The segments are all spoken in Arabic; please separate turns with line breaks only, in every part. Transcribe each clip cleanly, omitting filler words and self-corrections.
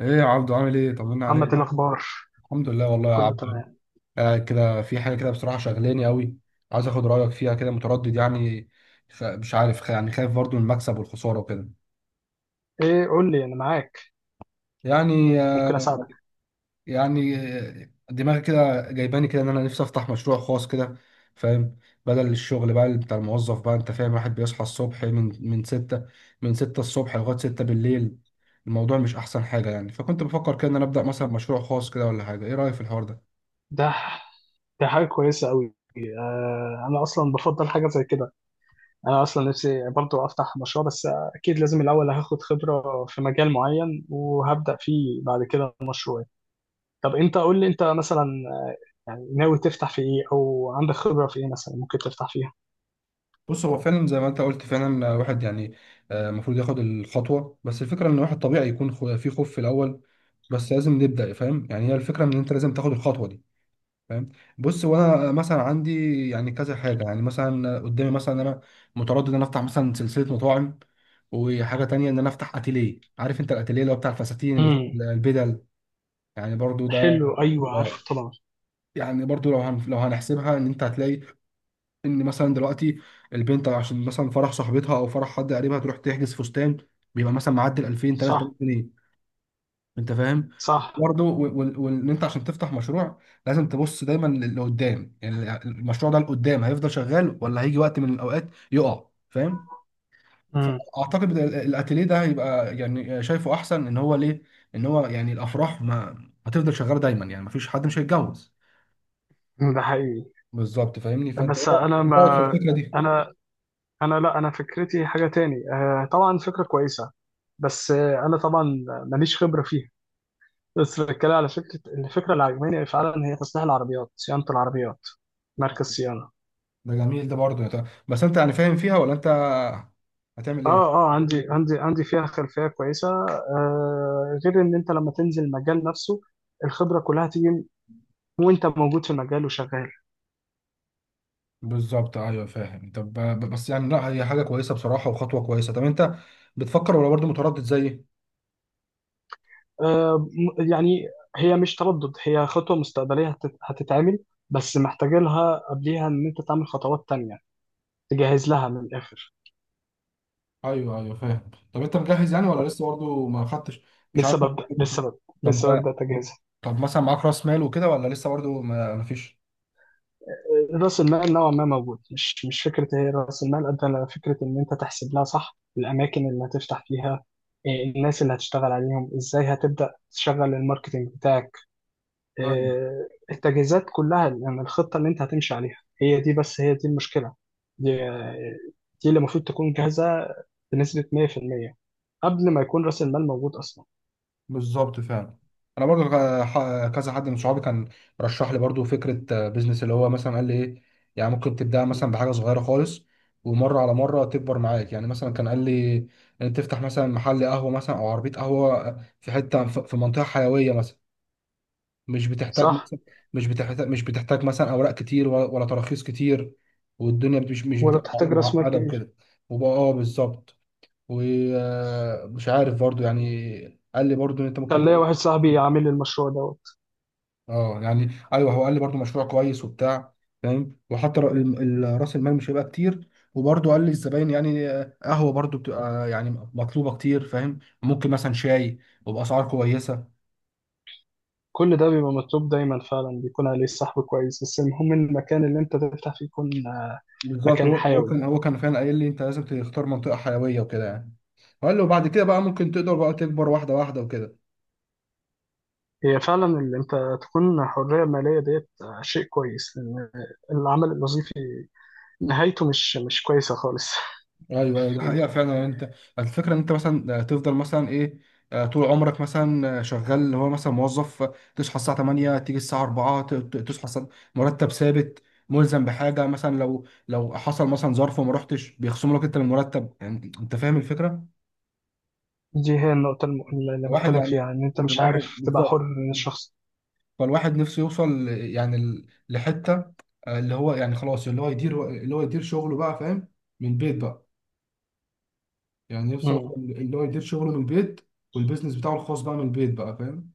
ايه يا عبدو، عامل ايه؟ طمنا
محمد،
عليك.
الأخبار
الحمد لله والله يا
كله
عبدو.
تمام.
قاعد كده في حاجه كده، بصراحه شغلاني قوي. عايز اخد رايك فيها، كده متردد يعني. مش عارف يعني خايف برضو من المكسب والخساره وكده.
إيه، قول لي، أنا معاك.
يعني
ممكن
آه،
أساعدك.
دماغي كده جايباني كده ان انا نفسي افتح مشروع خاص كده. فاهم؟ بدل الشغل بقى اللي بتاع الموظف بقى. انت فاهم؟ واحد بيصحى الصبح من 6، من 6 الصبح لغايه 6 بالليل. الموضوع مش احسن حاجه يعني. فكنت بفكر كده ان انا ابدا مثلا مشروع خاص كده ولا حاجه. ايه رايك في الحوار ده؟
ده ده حاجة كويسة أوي. آه، أنا أصلا بفضل حاجة زي كده. أنا أصلا نفسي برضو أفتح مشروع. بس أكيد لازم الأول هاخد خبرة في مجال معين، وهبدأ فيه بعد كده مشروعي. طب أنت قول لي، أنت مثلا يعني ناوي تفتح في إيه، أو عندك خبرة في إيه مثلا ممكن تفتح فيها؟
بص، هو فعلا زي ما انت قلت فعلا، الواحد يعني المفروض ياخد الخطوه. بس الفكره ان الواحد طبيعي يكون في خوف في الاول. بس لازم نبدا. فاهم؟ يعني هي الفكره ان انت لازم تاخد الخطوه دي. فاهم؟ بص، وانا مثلا عندي يعني كذا حاجه. يعني مثلا قدامي، مثلا انا متردد ان انا افتح مثلا سلسله مطاعم، وحاجه تانية ان انا افتح اتيليه. عارف انت الاتيليه اللي هو بتاع الفساتين بتاع
امم.
البدل؟ يعني برضو ده.
حلو، أيوه،
آه،
عارفه طبعا.
يعني برضو لو لو هنحسبها، ان انت هتلاقي ان مثلا دلوقتي البنت عشان مثلا فرح صاحبتها او فرح حد قريبها تروح تحجز فستان بيبقى مثلا معدل 2000 3000
صح.
جنيه انت فاهم؟
صح.
برضه وان انت عشان تفتح مشروع لازم تبص دايما لقدام. يعني المشروع ده لقدام هيفضل شغال، ولا هيجي وقت من الاوقات يقع؟ فاهم؟
امم.
فاعتقد إن الاتيليه ده هيبقى يعني، شايفه احسن ان هو ليه، ان هو يعني الافراح ما هتفضل شغاله دايما. يعني ما فيش حد مش هيتجوز.
ده حقيقي.
بالظبط، فاهمني. فانت ايه
بس
رايك؟
أنا
إيه رأيك في
ما
الفكره دي؟
أنا انا لا، انا فكرتي حاجه تاني. آه طبعا فكره كويسه، بس آه انا طبعا ماليش خبره فيها. بس بتكلم على فكره، الفكره اللي عجباني فعلا هي تصليح العربيات، صيانه العربيات، مركز صيانه.
ده جميل. ده برضه، يا بس انت يعني فاهم فيها ولا انت هتعمل ايه؟
اه، اه، عندي فيها خلفيه كويسه. غير ان انت لما تنزل المجال نفسه الخبره كلها تيجي، وانت موجود في المجال وشغال.
بالظبط، ايوه فاهم. طب بس يعني، لا هي حاجه كويسه بصراحه وخطوه كويسه. طب انت بتفكر ولا برضه متردد زيي؟
يعني هي مش تردد، هي خطوه مستقبليه هتتعمل، بس محتاج لها قبليها ان انت تعمل خطوات تانية، تجهز لها من الاخر.
ايوه ايوه فاهم. طب انت مجهز يعني ولا لسه برضه ما خدتش؟ مش عارف.
لسه ببدأ لسه ببدأ لسه
طب
ببدأ تجهيزها.
طب مثلا معاك راس مال وكده، ولا لسه برضه ما فيش؟
رأس المال نوعا ما موجود. مش فكرة، هي رأس المال قد ما فكرة إن أنت تحسب لها صح. الأماكن اللي هتفتح فيها، الناس اللي هتشتغل عليهم إزاي، هتبدأ تشغل الماركتينج بتاعك، التجهيزات كلها، يعني الخطة اللي أنت هتمشي عليها، هي دي. بس هي دي المشكلة. دي. دي اللي المفروض تكون جاهزة بنسبة 100% قبل ما يكون رأس المال موجود أصلا.
بالظبط فعلا. انا برضو كذا حد من صحابي كان رشح لي برضو فكره بيزنس. اللي هو مثلا قال لي ايه، يعني ممكن تبدا
م.
مثلا بحاجه صغيره خالص، ومره على مره تكبر معاك. يعني مثلا كان قال لي ان تفتح مثلا محل قهوه مثلا او عربيه قهوه في حته في منطقه حيويه مثلا. مش بتحتاج
صح.
مثلا، مش بتحتاج مثلا اوراق كتير ولا تراخيص كتير. والدنيا مش
ولا
بتبقى
بتحتاج رأس مال
معقده
كبير.
وكده. وبقى اه بالظبط. ومش عارف برضو يعني، قال لي برضو ان انت ممكن.
كان ليا واحد صاحبي عامل المشروع ده.
اه يعني ايوه، هو قال لي برضو مشروع كويس وبتاع. فاهم؟ وحتى راس المال مش هيبقى كتير. وبرضو قال لي الزباين يعني قهوه برضو بتبقى يعني مطلوبه كتير. فاهم؟ ممكن مثلا شاي، وباسعار كويسه.
كل ده بيبقى مطلوب دايما، فعلا بيكون عليه الصحب كويس، بس المهم إن المكان اللي انت تفتح فيه يكون
بالظبط،
مكان
هو هو
حيوي.
كان هو كان فعلا قايل لي انت لازم تختار منطقه حيويه وكده يعني. وقال له بعد كده بقى ممكن تقدر بقى تكبر واحده واحده وكده.
هي فعلا اللي انت تكون حرية مالية ديت شيء كويس، لأن العمل الوظيفي نهايته مش كويسة خالص.
ايوه ايوه، دي حقيقه فعلا. يعني انت الفكره ان انت مثلا تفضل مثلا ايه، طول عمرك مثلا شغال اللي هو مثلا موظف. تصحى الساعه 8، تيجي الساعه 4. مرتب ثابت، ملزم بحاجه. مثلا لو حصل مثلا ظرف وما رحتش بيخصموا لك انت من المرتب. يعني انت فاهم الفكره؟
دي هي اللي
الواحد
بتكلم
يعني.
فيها ان انت مش
الواحد
عارف تبقى
بالظبط.
حر من الشخص.
فالواحد نفسه يوصل يعني لحته اللي هو يعني خلاص، اللي هو يدير، شغله بقى. فاهم؟ من بيت بقى. يعني نفسي
مم.
اوصل اللي هو يدير شغله من البيت، والبيزنس بتاعه الخاص بقى من البيت بقى. فاهم؟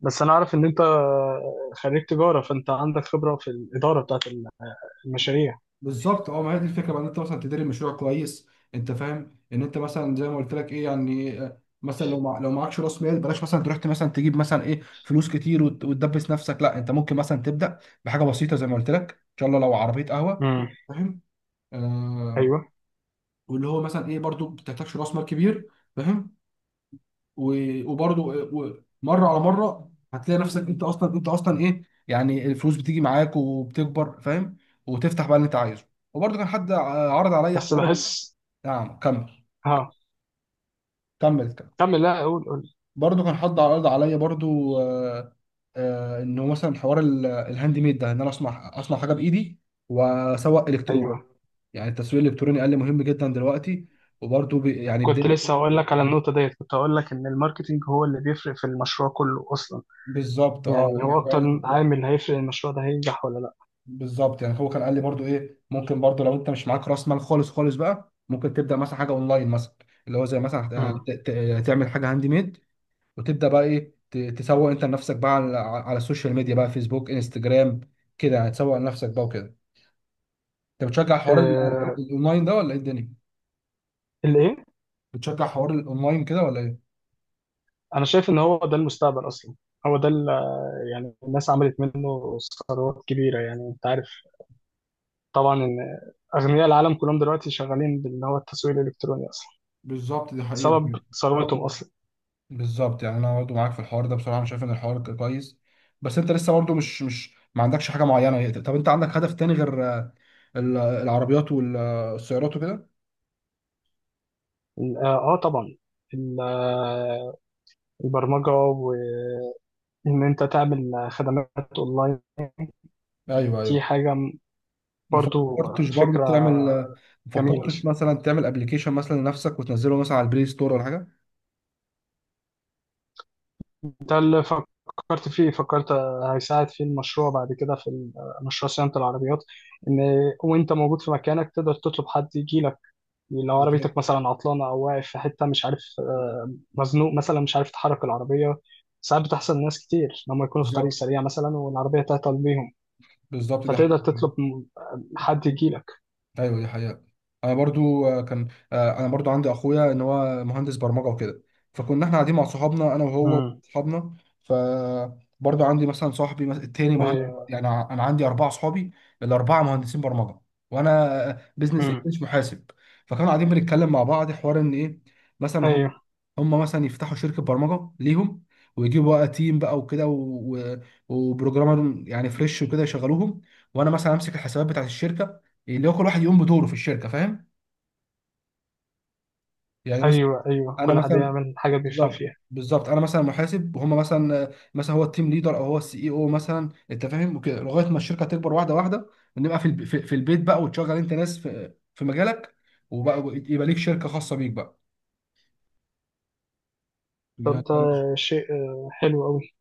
بس انا عارف ان انت خريج تجارة، فانت عندك خبرة في الإدارة بتاعت المشاريع.
بالظبط. اه ما هي دي الفكره بقى، ان انت مثلا تدير المشروع كويس. انت فاهم ان انت مثلا زي ما قلت لك، ايه يعني مثلا لو معكش راس مال بلاش مثلا تروح مثلا تجيب مثلا ايه فلوس كتير وتدبس نفسك. لا، انت ممكن مثلا تبدا بحاجه بسيطه زي ما قلت لك، ان شاء الله لو عربيه قهوه.
مم.
فاهم؟ آه.
ايوه.
واللي هو مثلا ايه، برضو ما بتحتاجش راس مال كبير. فاهم؟ مره على مره هتلاقي نفسك انت اصلا، ايه يعني الفلوس بتيجي معاك وبتكبر. فاهم؟ وتفتح بقى اللي انت عايزه. وبرضه كان حد عرض عليا
بس
حوار
بحس.
نعم كمل.
ها،
كمل كمل
كمل. لا، قول قول.
برضه كان حد عرض عليا برضه آه، انه مثلا حوار الهاند ميد ده، ان انا اصنع حاجه بايدي واسوق الكتروني.
ايوه،
يعني التسويق الالكتروني قال لي مهم جدا دلوقتي. وبرضه يعني
كنت
بدأت.
لسه هقول لك على النقطه ديت، كنت هقول لك ان الماركتينج هو اللي بيفرق في المشروع كله اصلا.
بالظبط اه.
يعني هو اكتر
يعني
عامل هيفرق المشروع ده هينجح ولا لا.
بالظبط، يعني هو كان قال لي برضو ايه، ممكن برضو لو انت مش معاك راس مال خالص خالص بقى ممكن تبدا مثلا حاجه اونلاين مثلا. اللي هو زي مثلا
مم.
تعمل حاجه هاند ميد، وتبدا بقى ايه تسوق انت لنفسك بقى على السوشيال ميديا بقى، فيسبوك، انستجرام، كده يعني. تسوق لنفسك بقى وكده. انت بتشجع حوار
آه.
الاونلاين ده، ولا ايه الدنيا؟
الايه؟
بتشجع حوار الاونلاين كده ولا ايه؟
انا شايف ان هو ده المستقبل اصلا. هو ده ال- يعني الناس عملت منه ثروات كبيره، يعني انت عارف طبعا ان اغنياء العالم كلهم دلوقتي شغالين باللي هو التسويق الالكتروني اصلا.
بالظبط دي حقيقة.
سبب ثروتهم اصلا.
بالظبط، يعني انا برضه معاك في الحوار ده بصراحه. انا شايف ان الحوار كويس. بس انت لسه برضه مش ما عندكش حاجه معينه. طب انت عندك هدف تاني غير العربيات والسيارات وكده؟
اه، آه، طبعا ال- آه، البرمجه، وان انت تعمل خدمات اونلاين.
ايوه ايوه.
دي حاجة م-
ما
برضو
فكرتش برضه
فكرة
تعمل ما
جميلة.
فكرتش مثلا تعمل ابلكيشن مثلا لنفسك وتنزله مثلا على البلاي ستور ولا حاجه؟
ده اللي فكرت فيه، فكرت هيساعد في المشروع بعد كده في مشروع صيانة العربيات. إن وأنت موجود في مكانك تقدر تطلب حد يجي لك، لو عربيتك
بالظبط.
مثلا عطلانة، أو واقف في حتة مش عارف مزنوق مثلا، مش عارف تحرك العربية. ساعات بتحصل لناس كتير لما يكونوا في طريق
بالظبط.
سريع مثلا والعربية تعطل بيهم.
بالظبط، ده حاجه.
فتقدر تطلب حد يجي لك.
ايوه دي حقيقة. انا برضو كان انا برضو عندي اخويا ان هو مهندس برمجة وكده. فكنا احنا قاعدين مع صحابنا، انا وهو
امم.
وصحابنا. ف، برضو عندي مثلا صاحبي التاني مهندس.
ايوه.
يعني انا عندي 4 صحابي، الاربعة مهندسين برمجة. وانا بزنس
امم.
انجلش محاسب. فكانوا قاعدين بنتكلم مع بعض حوار، ان ايه مثلا
ايوه،
هم مثلا يفتحوا شركة برمجة ليهم، ويجيبوا بقى تيم بقى وكده و... وبروجرامر يعني فريش وكده يشغلوهم. وانا مثلا امسك الحسابات بتاعت الشركة. اللي هو كل واحد يقوم بدوره في الشركه. فاهم؟ يعني مثلا.
ايوه، ايوه،
انا
كل حد
مثلا.
يعمل حاجة بيفهم
بالظبط.
فيها.
بالظبط، انا مثلا محاسب، وهم مثلا هو التيم ليدر او هو السي اي او مثلا. انت فاهم؟ وكده لغايه ما الشركه تكبر واحده واحده، ونبقى في في البيت بقى، وتشغل انت ناس في مجالك. وبقى يبقى ليك شركه خاصه بيك بقى. يعني أنا-
شيء حلو قوي.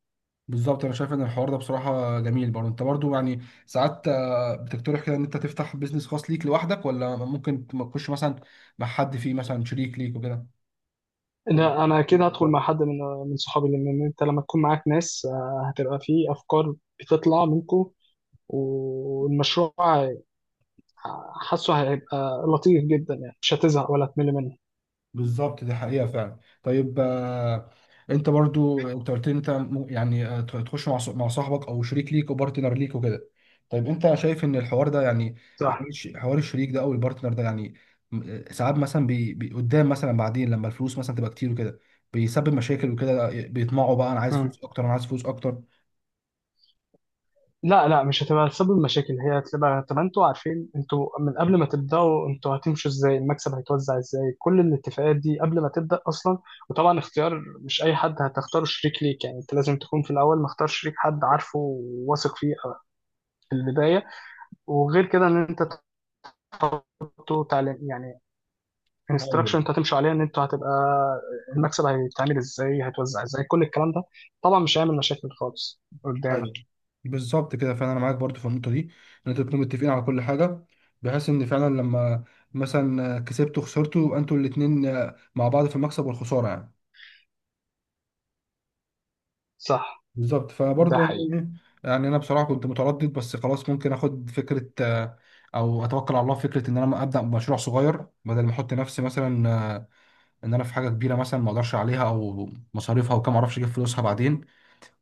بالظبط، انا شايف ان الحوار ده بصراحه جميل. برضه انت برضه يعني ساعات بتقترح كده ان انت تفتح بيزنس خاص ليك لوحدك، ولا ممكن تخش مثلا مع حد فيه مثلا شريك ليك وكده؟
لا، انا اكيد هدخل مع حد من من صحابي، لان انت لما تكون معاك ناس هتبقى فيه افكار بتطلع منكم، والمشروع حاسه هيبقى لطيف جدا، يعني مش هتزهق ولا تمل منه.
بالظبط دي حقيقة فعلا. طيب انت برضو انت قلت لي انت يعني تخش مع مع صاحبك او شريك ليك وبارتنر ليك وكده. طيب انت شايف ان الحوار ده يعني، حوار
صح.
حوار الشريك ده او البارتنر ده يعني، م- ساعات مثلا قدام مثلا بعدين لما الفلوس مثلا تبقى كتير وكده بيسبب مشاكل وكده، بيطمعوا بقى، انا عايز
مم.
فلوس اكتر، انا عايز فلوس اكتر.
لا، لا، مش هتبقى سبب مشاكل، هي هتبقى، طب انتوا عارفين انتوا من قبل ما تبداوا انتوا هتمشوا ازاي، المكسب هيتوزع ازاي، كل الاتفاقات دي قبل ما تبدا اصلا. وطبعا اختيار مش اي حد هتختاره شريك ليك، يعني انت لازم تكون في الاول مختار شريك حد عارفه وواثق فيه في البدايه. وغير كده ان انت تحطه تعليم يعني
ايوه
انستراكشن انت هتمشوا عليها ان انتوا هتبقى، المكسب هيتعمل ازاي، هيتوزع ازاي، كل الكلام ده طبعا مش هيعمل مشاكل خالص قدام.
ايوه، بالظبط كده فعلا. انا معاك برضو في النقطه دي، ان انتوا تكونوا متفقين على كل حاجه، بحيث ان فعلا لما مثلا كسبتوا خسرتوا يبقى انتوا الاثنين مع بعض في المكسب والخساره يعني.
صح.
بالظبط.
ده
فبرضو يعني
حقيقي.
يعني انا بصراحه كنت متردد، بس خلاص ممكن اخد فكره او اتوكل على الله في فكره ان انا ابدا بمشروع صغير، بدل ما احط نفسي مثلا آه، ان انا في حاجه كبيره مثلا ما اقدرش عليها او مصاريفها وكم اعرفش اجيب فلوسها بعدين.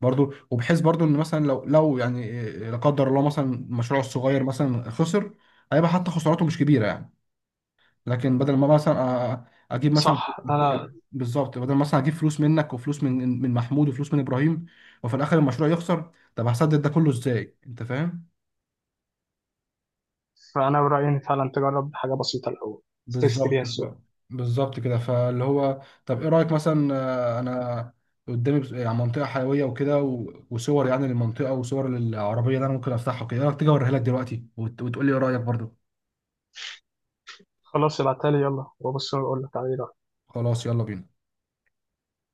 برضو، وبحيث برضو ان مثلا لو يعني لا قدر الله مثلا مشروعه الصغير مثلا خسر، هيبقى حتى خسارته مش كبيره يعني. لكن بدل ما مثلا اجيب مثلا
صح. انا،
بالظبط، بدل مثلا اجيب فلوس منك وفلوس من محمود وفلوس من ابراهيم، وفي الاخر المشروع يخسر. طب هسدد ده كله ازاي؟ انت فاهم؟
فانا برايي ان فعلا تجرب حاجه بسيطه الاول، تست بيها
بالظبط
السوق.
بالظبط كده. فاللي هو، طب ايه رأيك مثلا انا قدامي يعني منطقة حيوية وكده وصور يعني للمنطقة وصور للعربية اللي انا ممكن افتحها كده. ايه رأيك تيجي اوريها لك دلوقتي وتقول لي ايه رأيك برضو؟
خلاص، ابعتها لي يلا، وابص واقول لك عليه.
خلاص يلا بينا.